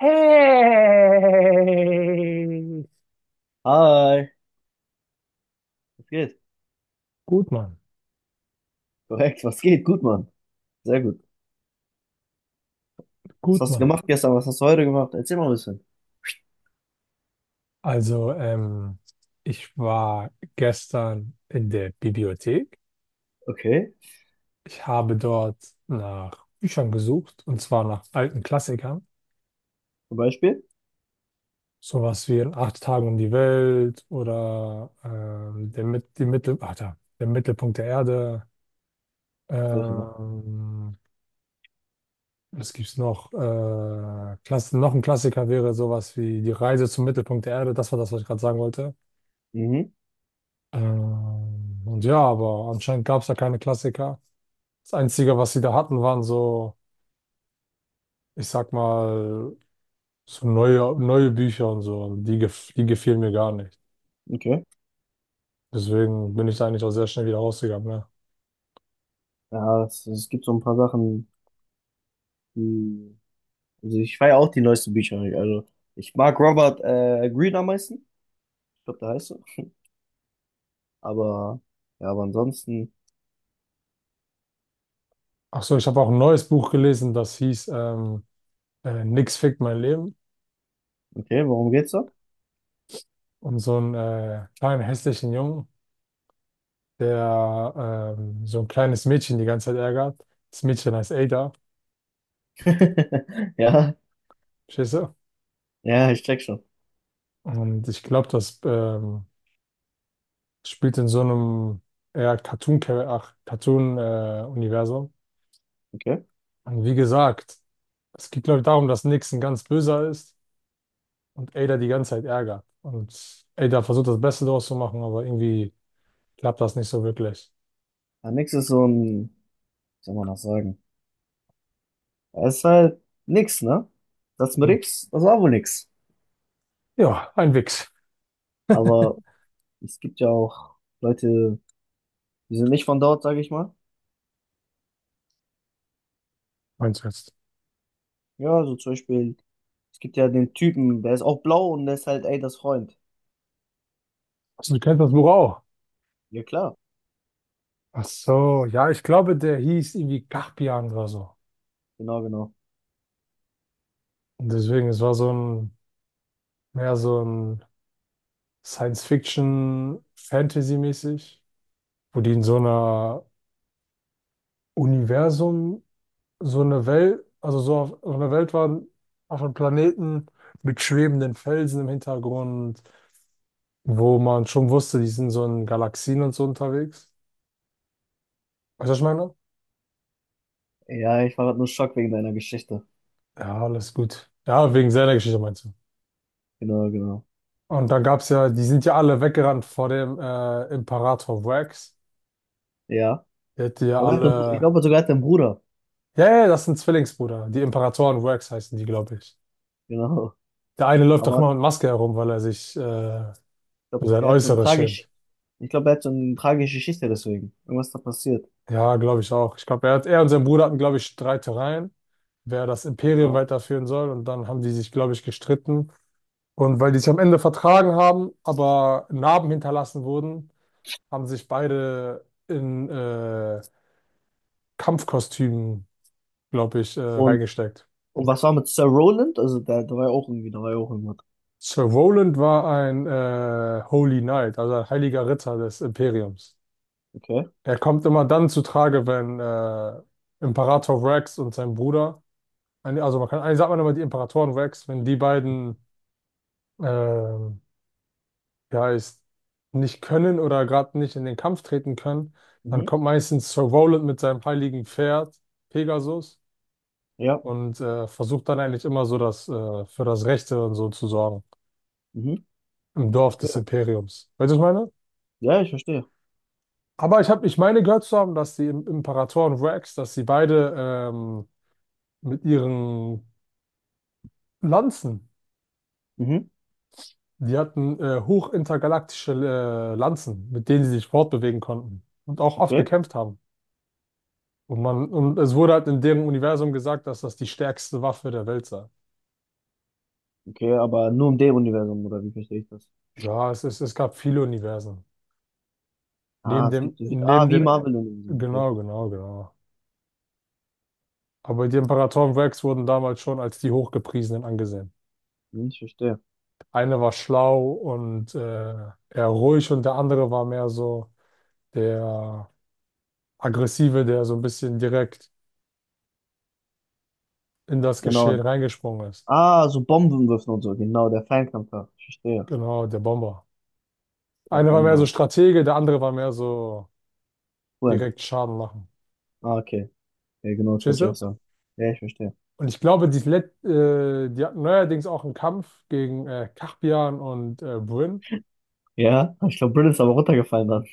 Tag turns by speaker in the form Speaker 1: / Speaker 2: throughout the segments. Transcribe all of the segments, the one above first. Speaker 1: Hey!
Speaker 2: Hi, was geht? Korrekt, was geht? Gut, Mann. Sehr gut. Was hast du gemacht? Gestern? Was hast du heute gemacht? Erzähl mal ein bisschen. Okay, zum Beispiel? Solche Sachen. Mhm, okay. Ja, es gibt so ein paar Sachen, die. Also ich feiere auch die neuesten Bücher. Also ich mag Robert Greene am meisten. Ich glaube, der heißt so. Aber ja, aber ansonsten. Okay, worum geht's da? Ja, ja, ich check schon. Okay. Ja, nix ist so ein, wie soll man das sagen? Er ist halt nix, ne? Das mit X, das war wohl nix. Aber es gibt ja auch Leute, die sind nicht von dort, sage ich mal. Ja, so zum Beispiel, es gibt ja den Typen, der ist auch blau und der ist halt, ey, das Freund. Ja, klar. Genau, genau. Ja, ich war grad nur schock wegen deiner Geschichte. Genau, genau. Ja. Ich glaube, er hat einen Bru- ich glaube sogar, er hat einen Bruder. Genau. Aber ich glaube, der hat so ein tragisch, ich glaube, er hat so eine tragische Geschichte deswegen. Irgendwas da passiert. Genau. Und, und was war mit Sir Roland? Also, der war ja auch irgendwie, da war ja auch irgendwas. Okay. Mhm. Ja. Mhm. Verstehe. Ja, ich verstehe. Mhm, okay, okay, aber nur im Dave-Universum, oder wie verstehe ich das? Ah, es gibt, ah, wie Marvel-Universum, okay. Hm, ich verstehe, genau, ah, so Bombenwürfen und so, genau, der Fernkampfer, ich verstehe, der Bomber, cool, ah, okay, ja, genau, das wollte ich auch sagen, ja, ich verstehe, ja, ich glaube, Britt ist aber runtergefallen dann,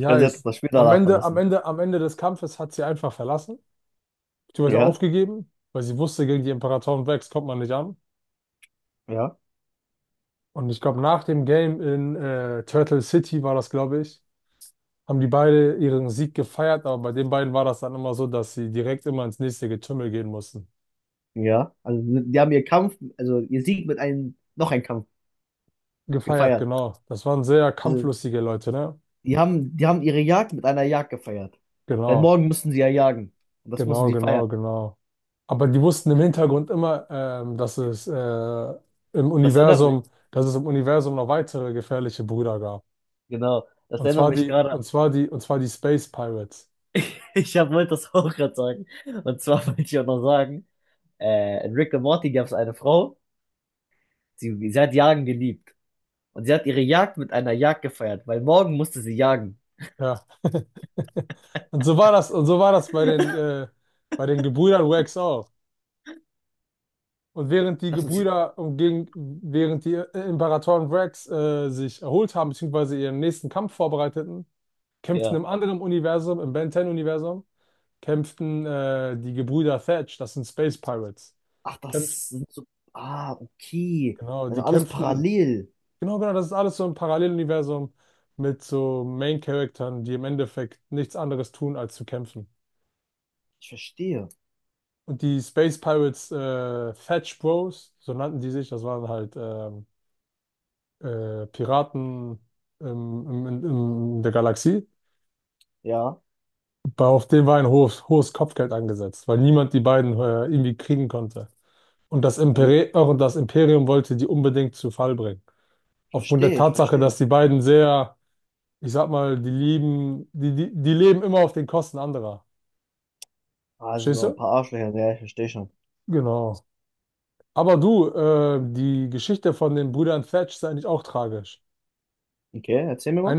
Speaker 2: ich glaube, sie hat das Spiel danach verlassen, ja, ja, ja, also, die haben ihr Kampf, also, ihr Sieg mit einem, noch ein Kampf gefeiert. Die haben ihre Jagd mit einer Jagd gefeiert. Denn morgen müssen sie ja jagen. Und das müssen sie feiern. Das erinnert mich, genau, das erinnert mich gerade. Wollte das auch gerade sagen. Und zwar wollte ich auch noch sagen, in Rick and Morty gab es eine Frau, sie hat Jagen geliebt. Und sie hat ihre Jagd mit einer Jagd gefeiert, weil morgen musste sie jagen. Lass uns, ja. Ach, das sind so, ah, okay. Also alles parallel. Ich verstehe. Ja, weil die- ich verstehe, ich verstehe. Also so ein paar Arschlöcher, ja, ich verstehe schon. Okay, erzähl mir mal.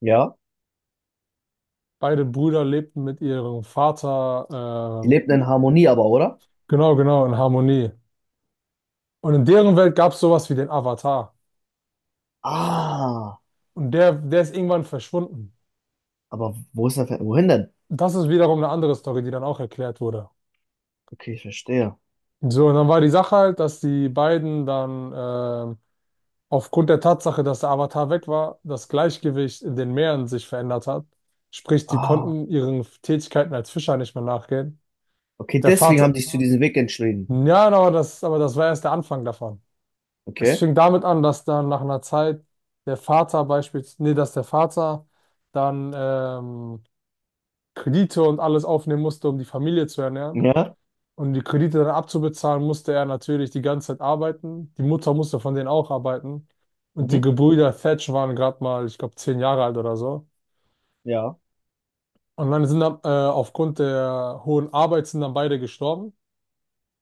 Speaker 2: Ja. Die lebten in Harmonie aber, oder? Ah, aber wo ist wohin denn? Okay, ich verstehe. Ah, okay, deswegen haben die sich zu diesem Weg entschieden. Okay. Ja. Mhm. Ja.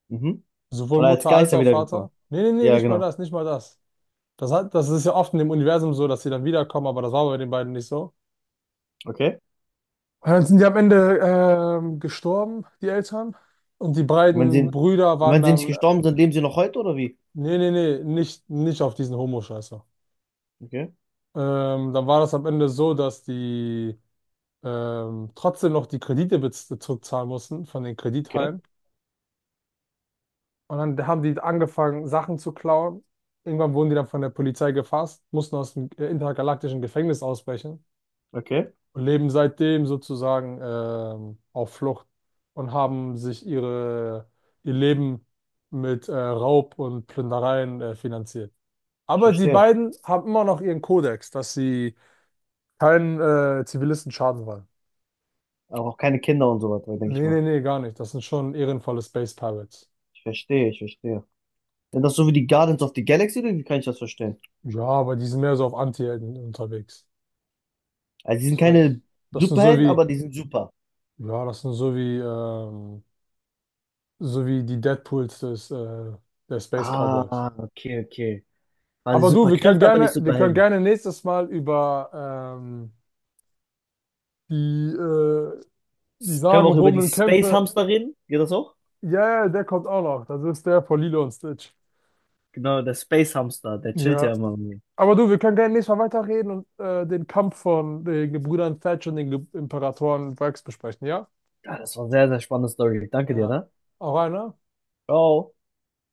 Speaker 2: Mhm. Und als Geister wiedergekommen. Ja, genau. Okay. Und wenn sie, und wenn sie nicht gestorben sind, leben sie noch heute, oder wie? Okay. Okay. Okay. Ich verstehe. Aber auch keine Kinder und so weiter, denke ich mal. Ich verstehe, ich verstehe. Sind das so wie die Guardians of the Galaxy, oder wie kann ich das verstehen? Also, die sind keine Superhelden, aber die sind super. Ah, okay, okay. Quasi Superkräfte, aber nicht Superhelden. Können wir auch über die Space Hamster reden? Geht das auch? Genau, der Space Hamster, der chillt ja immer mit mir. Ja, das war eine sehr, sehr spannende Story. Danke dir, ne? Ciao.